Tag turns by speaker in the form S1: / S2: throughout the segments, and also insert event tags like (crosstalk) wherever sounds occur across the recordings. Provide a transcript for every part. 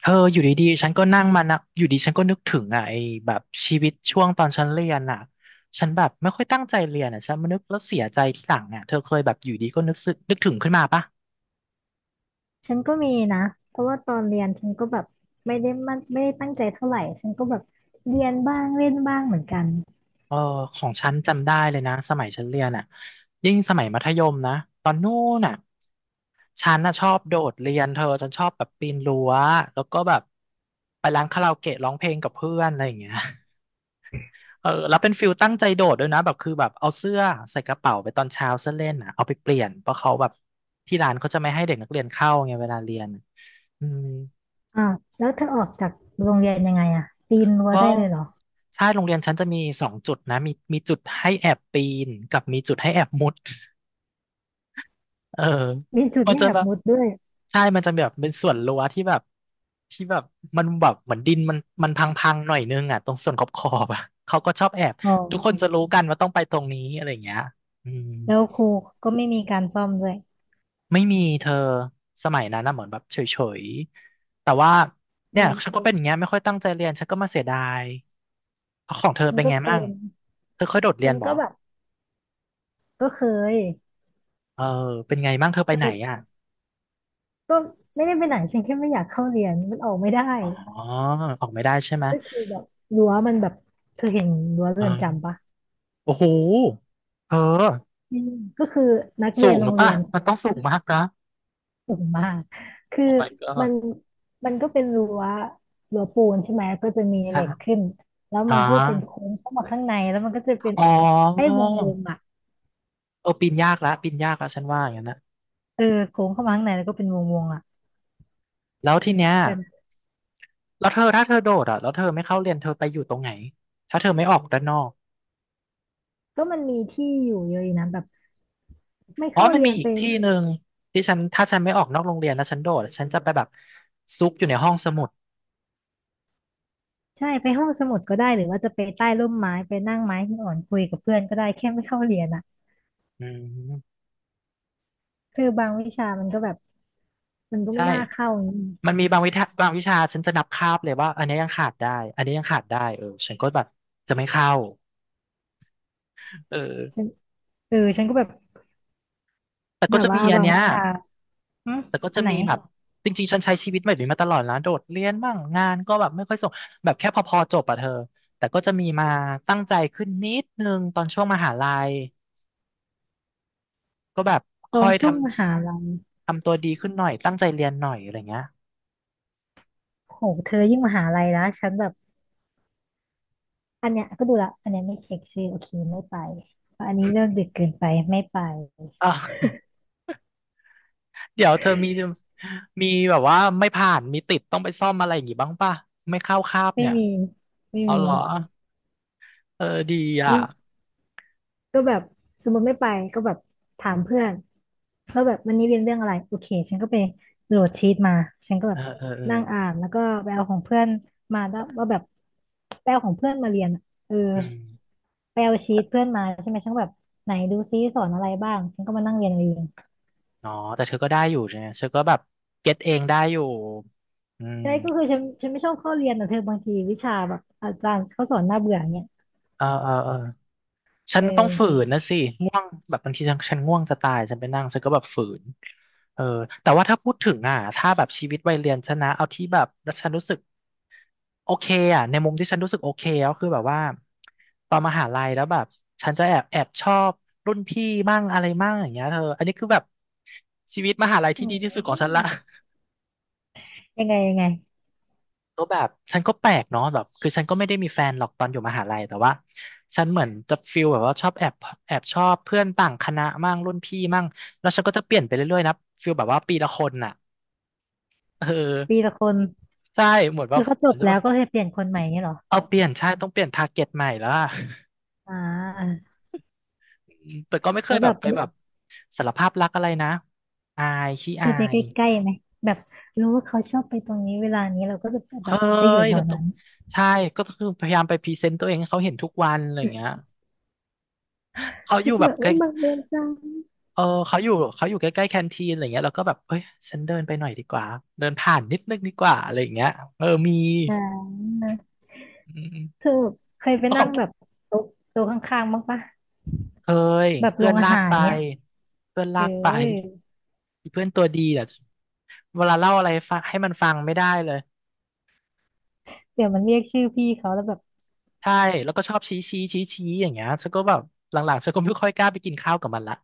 S1: เธออยู่ดีๆฉันก็นั่งมานะอยู่ดีฉันก็นึกถึงอ่ะไอ้แบบชีวิตช่วงตอนฉันเรียนอ่ะฉันแบบไม่ค่อยตั้งใจเรียนอ่ะฉันมานึกแล้วเสียใจทีหลังอ่ะเธอเคยแบบอยู่ดีก็นึกสึกนึกถึงขึ้นมาปะ
S2: ฉันก็มีนะเพราะว่าตอนเรียนฉันก็แบบไม่ได้มันไม่ได้ตั้งใจเท่าไหร่ฉันก็แบบเรียนบ้างเล่นบ้างเหมือนกัน
S1: เออของฉันจำได้เลยนะสมัยฉันเรียนอ่ะยิ่งสมัยมัธยมนะตอนนู้นอ่ะฉันน่ะชอบโดดเรียนเธอฉันชอบแบบปีนรั้วแล้วก็แบบไปร้านคาราโอเกะร้องเพลงกับเพื่อนอะไรอย่างเงี้ย เออแล้วเป็นฟิลตั้งใจโดดด้วยนะแบบคือแบบเอาเสื้อใส่กระเป๋าไปตอนเช้าเสื้อเล่นอ่ะเอาไปเปลี่ยนเพราะเขาแบบที่ร้านเขาจะไม่ให้เด็กนักเรียนเข้าไงเวลาเรียนอืม
S2: อ่าวแล้วเธอออกจากโรงเรียนยังไงอะปีนรั้ว
S1: ก็
S2: ได้เลยเหรอ
S1: ใช่โรงเรียนฉันจะมีสองจุดนะมีจุดให้แอบปีนกับมีจุดให้แอบมุดเออ
S2: มีจุด
S1: มัน
S2: ให้
S1: จะ
S2: แอ
S1: แบ
S2: บ
S1: บ
S2: มุดด้วย
S1: ใช่มันจะแบบเป็นส่วนรั้วที่แบบที่แบบมันแบบเหมือนดินมันพังๆหน่อยนึงอ่ะตรงส่วนขอบๆอบอ่ะเขาก็ชอบแอบ
S2: อ๋
S1: ทุกคนจะ
S2: อ
S1: รู้กันว่าต้องไปตรงนี้อะไรอย่างเงี้ยอืม
S2: แล้วครูก็ไม่มีการซ่อมด้วย
S1: ไม่มีเธอสมัยนั้นนะเหมือนแบบเฉยๆแต่ว่าเนี่
S2: อื
S1: ยฉัน
S2: ม
S1: ก็เป็นอย่างเงี้ยไม่ค่อยตั้งใจเรียนฉันก็มาเสียดายเอาของเธอ
S2: ฉัน
S1: เป็น
S2: ก็
S1: ไง
S2: เป็
S1: มั่ง
S2: น
S1: เธอเคยโดดเรี
S2: ฉั
S1: ยน
S2: น
S1: บ่
S2: ก็แบบก็เคย
S1: เออเป็นไงมั่งเธอไปไหน
S2: เออ
S1: อ่ะ
S2: ก็ไม่ได้ไปไหนฉันแค่ไม่อยากเข้าเรียน มันออกไม่ได้
S1: อ๋อออกไม่ได้ใช่ไหม
S2: ก็คือแบบรั้วมันแบบเธอเห็นรั้ว
S1: อ๋
S2: เรื
S1: อ
S2: อนจำปะ
S1: โอ้โหเธอ
S2: อืมก็คือนักเรี
S1: สู
S2: ยน
S1: งห
S2: โร
S1: รือ
S2: งเรี
S1: ปะ
S2: ยน
S1: มันต้องสูงมากนะ
S2: สูงมากคือ
S1: โอ้ my
S2: มั
S1: god
S2: นก็เป็นรั้วปูนใช่ไหมแล้วก็จะมี
S1: ใช่
S2: เหล็กขึ้นแล้ว
S1: อ๋อ
S2: มันก็เป็นโค้งเข้ามาข้างในแล้วมันก็จะเป็น
S1: อ๋อ
S2: ไอ้วงวงอ่ะ
S1: เออปีนยากละปีนยากละฉันว่าอย่างนั้นนะ
S2: เออโค้งเข้ามาข้างในแล้วก็เป็นวงวงอ่ะ
S1: แล้วทีเนี้ย
S2: แบบนั้น
S1: แล้วเธอถ้าเธอโดดอ่ะแล้วเธอไม่เข้าเรียนเธอไปอยู่ตรงไหนถ้าเธอไม่ออกด้านนอก
S2: ก็มันมีที่อยู่เยอะอยู่นะแบบไม่
S1: อ๋อ
S2: เข้า
S1: มัน
S2: เรี
S1: มี
S2: ยน
S1: อี
S2: ไป
S1: กที่
S2: นั่ง
S1: หนึ่งที่ฉันถ้าฉันไม่ออกนอกโรงเรียนแล้วฉันโดดฉันจะไปแบบซุกอยู่ในห้องสมุด
S2: ใช่ไปห้องสมุดก็ได้หรือว่าจะไปใต้ร่มไม้ไปนั่งไม้หินอ่อนคุยกับเพื่อนก็ได้แค่ไม่เข้าเรียนอ่ะ
S1: อืม
S2: คือบางวิชามันก็แบบมันก็
S1: ใช่
S2: ไม่น่าเข้าอย่างนี้
S1: มันมีบางวิชาบางวิชาฉันจะนับคาบเลยว่าอันนี้ยังขาดได้อันนี้ยังขาดได้เออฉันก็แบบจะไม่เข้าเออ
S2: ฉันเออฉันก็แบบ
S1: แต่ก็
S2: แบบ
S1: จะมี
S2: ว่า
S1: อัน
S2: บาง
S1: เนี้ย
S2: วิชาอืม
S1: แต่ก็
S2: อั
S1: จะ
S2: นไหน
S1: มีแบบจริงๆฉันใช้ชีวิตแบบนี้มาตลอดนะโดดเรียนบ้างงานก็แบบไม่ค่อยส่งแบบแค่พอๆจบอะเธอแต่ก็จะมีมาตั้งใจขึ้นนิดนึงตอนช่วงมหาลัยก็แบบ
S2: ตอ
S1: ค่อ
S2: น
S1: ยท
S2: ช่วงมหาลัย
S1: ำทำตัวดีขึ้นหน่อยตั้งใจเรียนหน่อยอะไรเงี้ย
S2: โหเธอยิ่งมหาลัยนะฉันแบบอันเนี้ยก็ดูละอันเนี้ยไม่เช็คชื่อโอเคไม่ไปอันนี้เลิกดึกเกินไปไม่ไป
S1: อ่ะ (laughs) เดี๋ยวเธอมีมีแบบว่าไม่ผ่านมีติดต้องไปซ่อมอะไรอย่างงี้บ้างป่ะไม่เข้าคาบ
S2: ไม่
S1: เนี่ย
S2: มีไม่
S1: เอา
S2: มี
S1: เหรอเออดีอ่ะ
S2: นี่ก็แบบสมมติไม่ไปก็แบบถามเพื่อนว่าแบบวันนี้เรียนเรื่องอะไรโอเคฉันก็ไปโหลดชีตมาฉันก็แบ
S1: เออ
S2: บ
S1: เออเออ
S2: นั่งอ่านแล้วก็ไปเอาของเพื่อนมาแล้วว่าแบบไปเอาของเพื่อนมาเรียนอะเออ
S1: อืม
S2: ไปเอาชีตเพื่อนมาใช่ไหมฉันก็แบบไหนดูซิสอนอะไรบ้างฉันก็มานั่งเรียนเอง
S1: อ๋อแต่เธอก็ได้อยู่เนี่ยเธอก็แบบเก็ตเองได้อยู่อืม
S2: ใช่ก็คือฉันไม่ชอบเข้าเรียนแต่เธอบางทีวิชาแบบอาจารย์เขาสอนน่าเบื่ออย่างเนี่ย
S1: เออเออเออฉั
S2: เ
S1: นต้องฝื
S2: ออ
S1: นนะสิง่วงแบบบางทีฉันง่วงจะตายฉันไปนั่งฉันก็แบบฝืนเออแต่ว่าถ้าพูดถึงอ่ะถ้าแบบชีวิตวัยเรียนฉันนะเอาที่แบบแล้วฉันรู้สึกโอเคอ่ะในมุมที่ฉันรู้สึกโอเคก็คือแบบว่าตอนมหาลัยแล้วแบบฉันจะแอบชอบรุ่นพี่มั่งอะไรมั่งอย่างเงี้ยเธออันนี้คือแบบชีวิตมหาลัย
S2: อื
S1: ที่ดีที่สุด
S2: ม
S1: ของฉันละ
S2: ยังไงยังไง
S1: ก็แบบฉันก็แปลกเนาะแบบคือฉันก็ไม่ได้มีแฟนหรอกตอนอยู่มหาลัยแต่ว่าฉันเหมือนจะฟิลแบบว่าชอบแอบชอบเพื่อนต่างคณะมั่งรุ่นพี่มั่งแล้วฉันก็จะเปลี่ยนไปเรื่อยๆนะฟิลแบบว่าปีละคนน่ะเออ
S2: ปีละคน
S1: ใช่เหมือนแบ
S2: คื
S1: บ
S2: อเขาจ
S1: อาจ
S2: บ
S1: จะ
S2: แล้
S1: ว่า
S2: วก็เลยเปลี่ยนคนใหม่เนี่ยเหรอ
S1: เอาเปลี่ยนใช่ต้องเปลี่ยนทาร์เก็ตใหม่แล้วอะ (laughs)
S2: อ่า
S1: อืมแต่ก็ไม่เค
S2: แล้
S1: ย
S2: ว
S1: แบ
S2: แบ
S1: บ
S2: บ
S1: ไปแบบสารภาพรักอะไรนะอายขี้
S2: เค
S1: อา
S2: ยไปใ
S1: ย
S2: กล้ๆไหมแบบรู้ว่าเขาชอบไปตรงนี้เวลานี้เราก็จะแบ
S1: เฮ้
S2: บไปอยู่
S1: ย
S2: แถ
S1: แล้
S2: ว
S1: วต้อ
S2: นั้
S1: ง
S2: น
S1: ใช่ก็คือพยายามไปพรีเซนต์ตัวเองให้เขาเห็นทุกวันอะไรอย่างเงี้ยเขาอ
S2: ก็
S1: ยู่
S2: คือ
S1: แบ
S2: แบ
S1: บ
S2: บอุ้ยบังเอิญจัง
S1: เออเขาอยู่ใกล้ๆแคนทีนอะไรเงี้ยเราก็แบบเอ้ยฉันเดินไปหน่อยดีกว่าเดินผ่านนิดนึงดีกว่าอะไรอย่างเงี้ยเออมี
S2: อ่า
S1: อืม
S2: เธอเคยไป
S1: ๆก็ข
S2: นั่
S1: อ
S2: ง
S1: ง
S2: แบบโต๊ะโต๊ะข้างๆบ้างปะ
S1: เคย
S2: แบบ
S1: เพื่
S2: โร
S1: อน
S2: งอา
S1: ลาก
S2: หาร
S1: ไป
S2: เนี้ย
S1: เพื่อน
S2: เอ
S1: ลากไป
S2: อ
S1: อีเพื่อนตัวดีเนี่ยเวลาเล่าอะไรฟังให้มันฟังไม่ได้เลย
S2: เดี๋ยวมันเรียกชื่อพี่เขาแล้วแบบ
S1: ใช่แล้วก็ชอบชี้ชี้ชี้ชี้อย่างเงี้ยฉันก็แบบหลังๆฉันก็ไม่ค่อยกล้าไปกินข้าวกับมันละ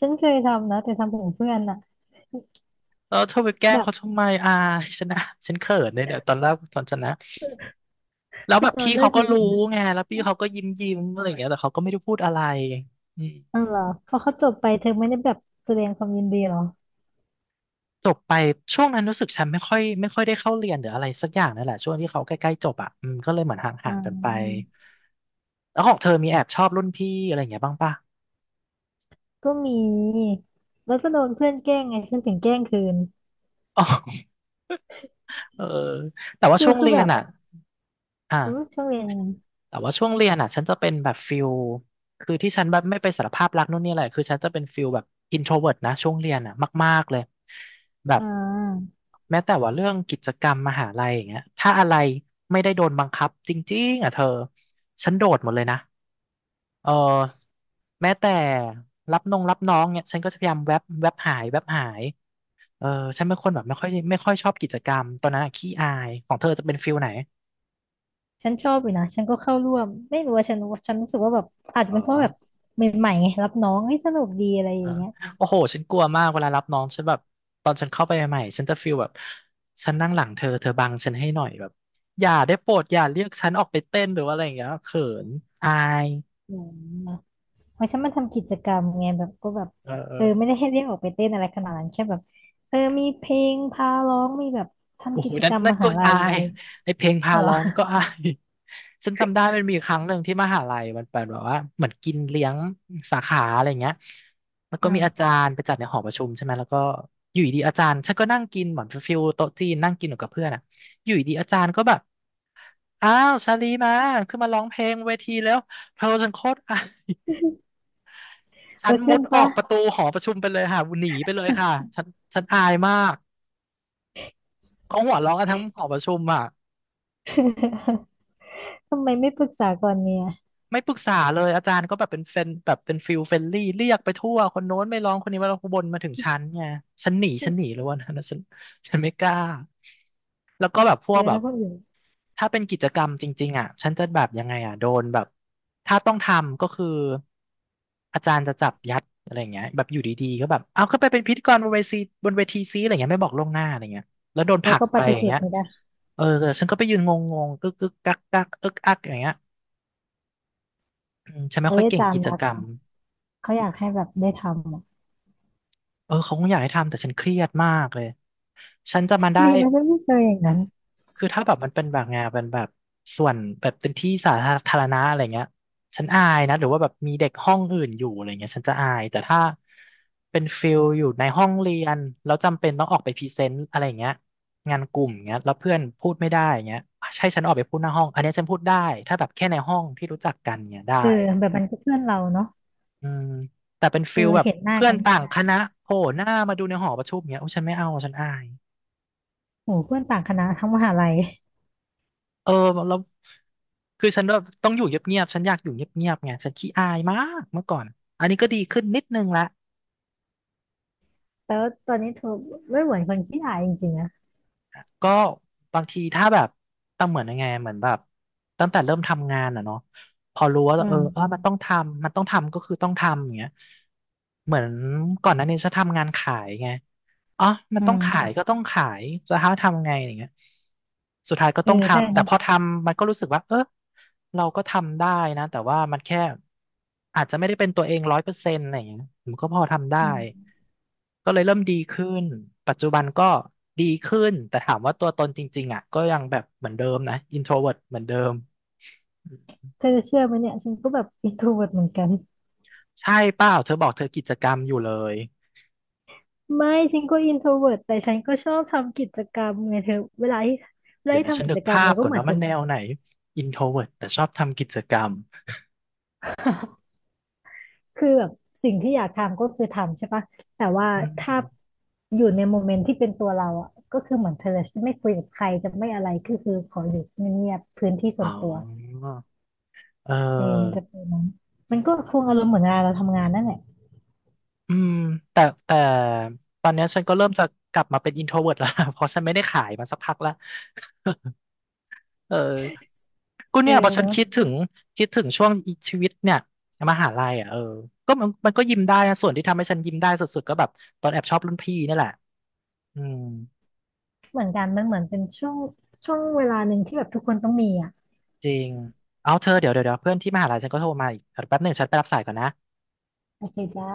S2: ฉันเคยทำนะแต่ทำของเพื่อนอะ
S1: เออเธอไปแกล้ง
S2: แบบ
S1: เขาทำไมอ่าฉันนะฉันเขินเลยเนี่ยตอนแรกตอนฉันนะ แล้ว
S2: คื
S1: แบ
S2: อ
S1: บ
S2: ตอน
S1: พี่
S2: เลิ
S1: เขา
S2: ก
S1: ก็
S2: เรีย
S1: รู้
S2: น
S1: ไงแล้วพี่เขาก็ยิ้มยิ้มอะไรอย่างเงี้ยแต่เขาก็ไม่ได้พูดอะไรอืม
S2: อ๋อเหรอพอเขาจบไปเธอไม่ได้แบบแสดงความยินดีเหรอ
S1: จบไปช่วงนั้นรู้สึกฉันไม่ค่อยได้เข้าเรียนหรืออะไรสักอย่างนั่นแหละช่วงที่เขาใกล้ๆจบอ่ะอืมก็เลยเหมือนห่า
S2: อ่า
S1: งๆกันไปแล้วของเธอมีแอบชอบรุ่นพี่อะไรอย่างเงี้ยบ้างปะ
S2: ก็มีแล้วก็โดนเพื่อนแกล้งไงฉันถึงแกล้งคืน
S1: อ๋อเออแต่ว่า
S2: คื
S1: ช่
S2: อ
S1: วง
S2: คือ
S1: เรี
S2: แบ
S1: ยน
S2: บ
S1: อ่ะ
S2: อืม
S1: อ่ะ
S2: ช่วงเรียนยังไง
S1: แต่ว่าช่วงเรียนอ่ะฉันจะเป็นแบบฟิลคือที่ฉันแบบไม่ไปสารภาพรักนู่นนี่อะไรคือฉันจะเป็นฟิลแบบอินโทรเวิร์ตนะช่วงเรียนอ่ะมากๆเลยแบบ
S2: อ่า
S1: แม้แต่ว่าเรื่องกิจกรรมมหาลัยอย่างเงี้ยถ้าอะไรไม่ได้โดนบังคับจริงๆอ่ะเธอฉันโดดหมดเลยนะเออแม้แต่รับน้องเนี่ยฉันก็จะพยายามแวบแวบหายแวบหายเออฉันเป็นคนแบบไม่ค่อยชอบกิจกรรมตอนนั้นอะขี้อายของเธอจะเป็นฟิลไหน
S2: ฉันชอบอยู่นะฉันก็เข้าร่วมไม่รู้ว่าฉันรู้ฉันรู้สึกว่าแบบอาจจะ
S1: อ๋อ
S2: เป็นเพราะแบบใหม่ๆไงรับน้องเฮ้ยสนุกดีอะไรอ
S1: อ่า
S2: ย่างเงี้ย
S1: โอ้โห ฉันกลัวมากเวลารับน้อง ฉันแบบตอนฉันเข้าไปใหม่ๆฉันจะฟีลแบบฉันนั่งหลังเธอ เธอบังฉันให้หน่อยแบบอย่าได้โปรดอย่าเรียกฉันออกไปเต้นหรือว่าอะไรอย่างเงี้ยเขินอาย
S2: อืม เพราะฉันมาทำกิจกรรมไงแบบก็แบบ
S1: เออเอ
S2: เอ
S1: อ
S2: อไม่ได้ให้เรียกออกไปเต้นอะไรขนาดนั้นแค่แบบเออมีเพลงพาร้องมีแบบ
S1: โอ้
S2: ทำ
S1: โห
S2: กิจ
S1: นั่
S2: ก
S1: น
S2: รรม
S1: นั่
S2: ม
S1: นก็
S2: หาลัย
S1: อา
S2: อะไร
S1: ย
S2: เงี้ย
S1: ไอเพลงพา
S2: อ๋อเหรอ
S1: ร้องนี่ก็อายฉันจำได้มันมีครั้งหนึ่งที่มหาลัยมันเป็นแบบว่าเหมือนกินเลี้ยงสาขาอะไรเงี้ยแล้วก็
S2: อื
S1: มีอา
S2: ม
S1: จารย์ไปจัดในหอประชุมใช่ไหมแล้วก็อยู่ดีๆอาจารย์ฉันก็นั่งกินเหมือนฟิลโต๊ะจีนนั่งกินอยู่กับเพื่อนอะอยู่ดีๆอาจารย์ก็แบบ อ้าวชาลีมาขึ้นมาร้องเพลงเวทีแล้วเธอฉันโคตรอายฉั
S2: เอ
S1: น
S2: อ
S1: มุ
S2: ขึ้
S1: ด
S2: น
S1: ออ
S2: ปะ
S1: กประตูหอประชุมไปเลยค่ะหนีไปเลยค่ะฉันฉันอายมากเขาหัวเราะกันทั้งหอประชุมอ่ะ
S2: (laughs) ทำไมไม่ปรึกษาก่อนเนี่ย
S1: ไม่ปรึกษาเลยอาจารย์ก็แบบเป็นเฟนแบบเป็นฟิลเฟนลี่เรียกไปทั่วคนโน้นไม่ร้องคนนี้มาร้องคนบนมาถึงฉันไงฉันหนีเลยวันนั้นนะฉันฉันไม่กล้าแล้วก็แบบพ
S2: เอ
S1: วก
S2: อ
S1: แบบ
S2: ถ้าคนอื่น
S1: ถ้าเป็นกิจกรรมจริงๆอ่ะฉันจะแบบยังไงอ่ะโดนแบบถ้าต้องทำก็คืออาจารย์จะจับยัดอะไรอย่างเงี้ยแบบอยู่ดีๆก็แบบเอาเขึ้นไปเป็นพิธีกรบนเวทีซีอะไรเงี้ยไม่บอกล่วงหน้าอะไรเงี้ยแล้วโดนผ
S2: แล้
S1: ลั
S2: ว
S1: ก
S2: ก็ป
S1: ไป
S2: ฏิ
S1: อย่า
S2: เส
S1: ง
S2: ธ
S1: เงี้ย
S2: ไม่ได้
S1: เออแต่ฉันก็ไปยืนงๆกึกกึกกักกักเอิกอักอย่างเงี้ยอืมฉันไม่
S2: เอ้
S1: ค่อ
S2: ย
S1: ย
S2: อา
S1: เก่ง
S2: จาร
S1: กิ
S2: ย์
S1: จ
S2: รัก
S1: กรรม
S2: เขาอยากให้แบบได้ทำอะ
S1: เออเขาคงอยากให้ทำแต่ฉันเครียดมากเลย ฉันจะมาได้
S2: ดีนะฉันไม่เจออย่างนั้น
S1: คือถ้าแบบมันเป็นแบบงานเป็นแบบส่วนแบบเป็นที่สาธารณะอะไรเงี้ยฉันอายนะหรือว่าแบบมีเด็กห้องอื่นอยู่อะไรเงี้ยฉันจะอายแต่ถ้าเป็นฟิลอยู่ในห้องเรียนแล้วจำเป็นต้องออกไปพรีเซนต์อะไรเงี้ยงานกลุ่มเงี้ยแล้วเพื่อนพูดไม่ได้เงี้ยใช่ฉันออกไปพูดหน้าห้องอันเนี้ยฉันพูดได้ถ้าแบบแค่ในห้องที่รู้จักกันเงี้ยได้
S2: เออแบบมันก็เพื่อนเราเนาะ
S1: อืมแต่เป็น
S2: เอ
S1: ฟิล
S2: อ
S1: แบบ
S2: เห็นหน้า
S1: เพื่อ
S2: กั
S1: น
S2: นม
S1: ต่าง
S2: า
S1: คณะโผล่หน้ามาดูในหอประชุมเงี้ยโอ้ฉันไม่เอาฉันอาย
S2: โหเพื่อนต่างคณะทั้งมหาลัย
S1: เออแล้วคือฉันแบบต้องอยู่เงียบๆฉันอยากอยู่เงียบๆไงฉันขี้อายมากเมื่อก่อนอันนี้ก็ดีขึ้นนิดนึงละ
S2: แต่ว่าตอนนี้เธอไม่เหมือนคนขี้อายจริงๆนะ
S1: ก็บางทีถ้าแบบตั้งเหมือนยังไงเหมือนแบบตั้งแต่เริ่มทำงานอ่ะเนาะพอรู้ว่าเอ
S2: อื
S1: อเออ
S2: ม
S1: มันต้องทำมันต้องทำก็คือต้องทำอย่างเงี้ยเหมือนก่อนหน้านี้ฉันทำงานขายไง อ๋อมัน
S2: อื
S1: ต้องขาย
S2: ม
S1: ก็ต้องขายแล้วเขาทำไงอย่างเงี้ยสุดท้ายก็
S2: เออ
S1: ต้อง
S2: ใช่
S1: ทำ แต่
S2: นะ
S1: พอทำมันก็รู้สึกว่าเออเราก็ทำได้นะ แต่ว่ามันแค่อาจจะไม่ได้เป็นตัวเองร้อยเปอร์เซ็นต์อะไรอย่างเงี้ยผมก็พอทำได้
S2: อืม
S1: ก็เลยเริ่มดีขึ้น ปัจจุบันก็ดีขึ้น แต่ถามว่าตัวตนจริงๆอ่ะก็ยังแบบเหมือนเดิมนะอินโทรเวิร์ตเหมือนเดิม
S2: เธอจะเชื่อไหมเนี่ยฉันก็แบบอินโทรเวิร์เหมือนกัน
S1: ใช่เปล่าเธอบอกเธอกิจกรรมอยู่เลย
S2: ไม่ฉันก็อินโทรเวิร์แต่ฉันก็ชอบทำกิจกรรมไงเธอเวลาที่เวลา
S1: เดี๋ยว
S2: ที่
S1: นะฉั
S2: ทำ
S1: น
S2: กิ
S1: นึ
S2: จ
S1: ก
S2: กรรม
S1: ภา
S2: เรา
S1: พ
S2: ก็
S1: ก่อน
S2: เหมือน
S1: เนาะมั
S2: จะ
S1: นแนวไหนอินโทรเวิร์ตแต่ชอบทำกิจกรรม
S2: (laughs) คือแบบสิ่งที่อยากทำก็คือทำใช่ปะแต่ว่า
S1: อื
S2: ถ้า
S1: ม
S2: อยู่ในโมเมนต์ที่เป็นตัวเราอ่ะก็คือเหมือนเธอจะไม่คุยกับใครจะไม่อะไรก็คือขออยู่เงียบๆพื้นที่
S1: อ๋
S2: ส่
S1: อ
S2: วนตัว
S1: เอ
S2: เออมัน
S1: อ
S2: จะเป็นนั้นมันก็คงอารมณ์เหมือนเวลาเราทำงานนั่นแหละ
S1: อืมแต่แต่ตอนเนี้ยฉันก็เริ่มจะกลับมาเป็น introvert แล้ว (laughs) เพราะฉันไม่ได้ขายมาสักพักแล้วเออก็
S2: เออ
S1: เนี่ยพอฉัน
S2: เนาะ
S1: คิดถึงคิดถึงช่วงชีวิตเนี่ยมหาลัยอ่ะเออก็มันก็ยิ้มได้นะส่วนที่ทำให้ฉันยิ้มได้สุดๆก็แบบตอนแอบชอบรุ่นพี่นี่แหละอืม
S2: เหมือนกันมันเหมือนเป็นช่วงช่วงเวลาหนึ่งที่แบบทุกคนต้องมีอ่ะ
S1: จริงเอาเธอเดี๋ยวเพื่อนที่มหาลัยฉันก็โทรมาอีกแป๊บหนึ่งฉันไปรับสายก่อนนะ
S2: โอเคจ้า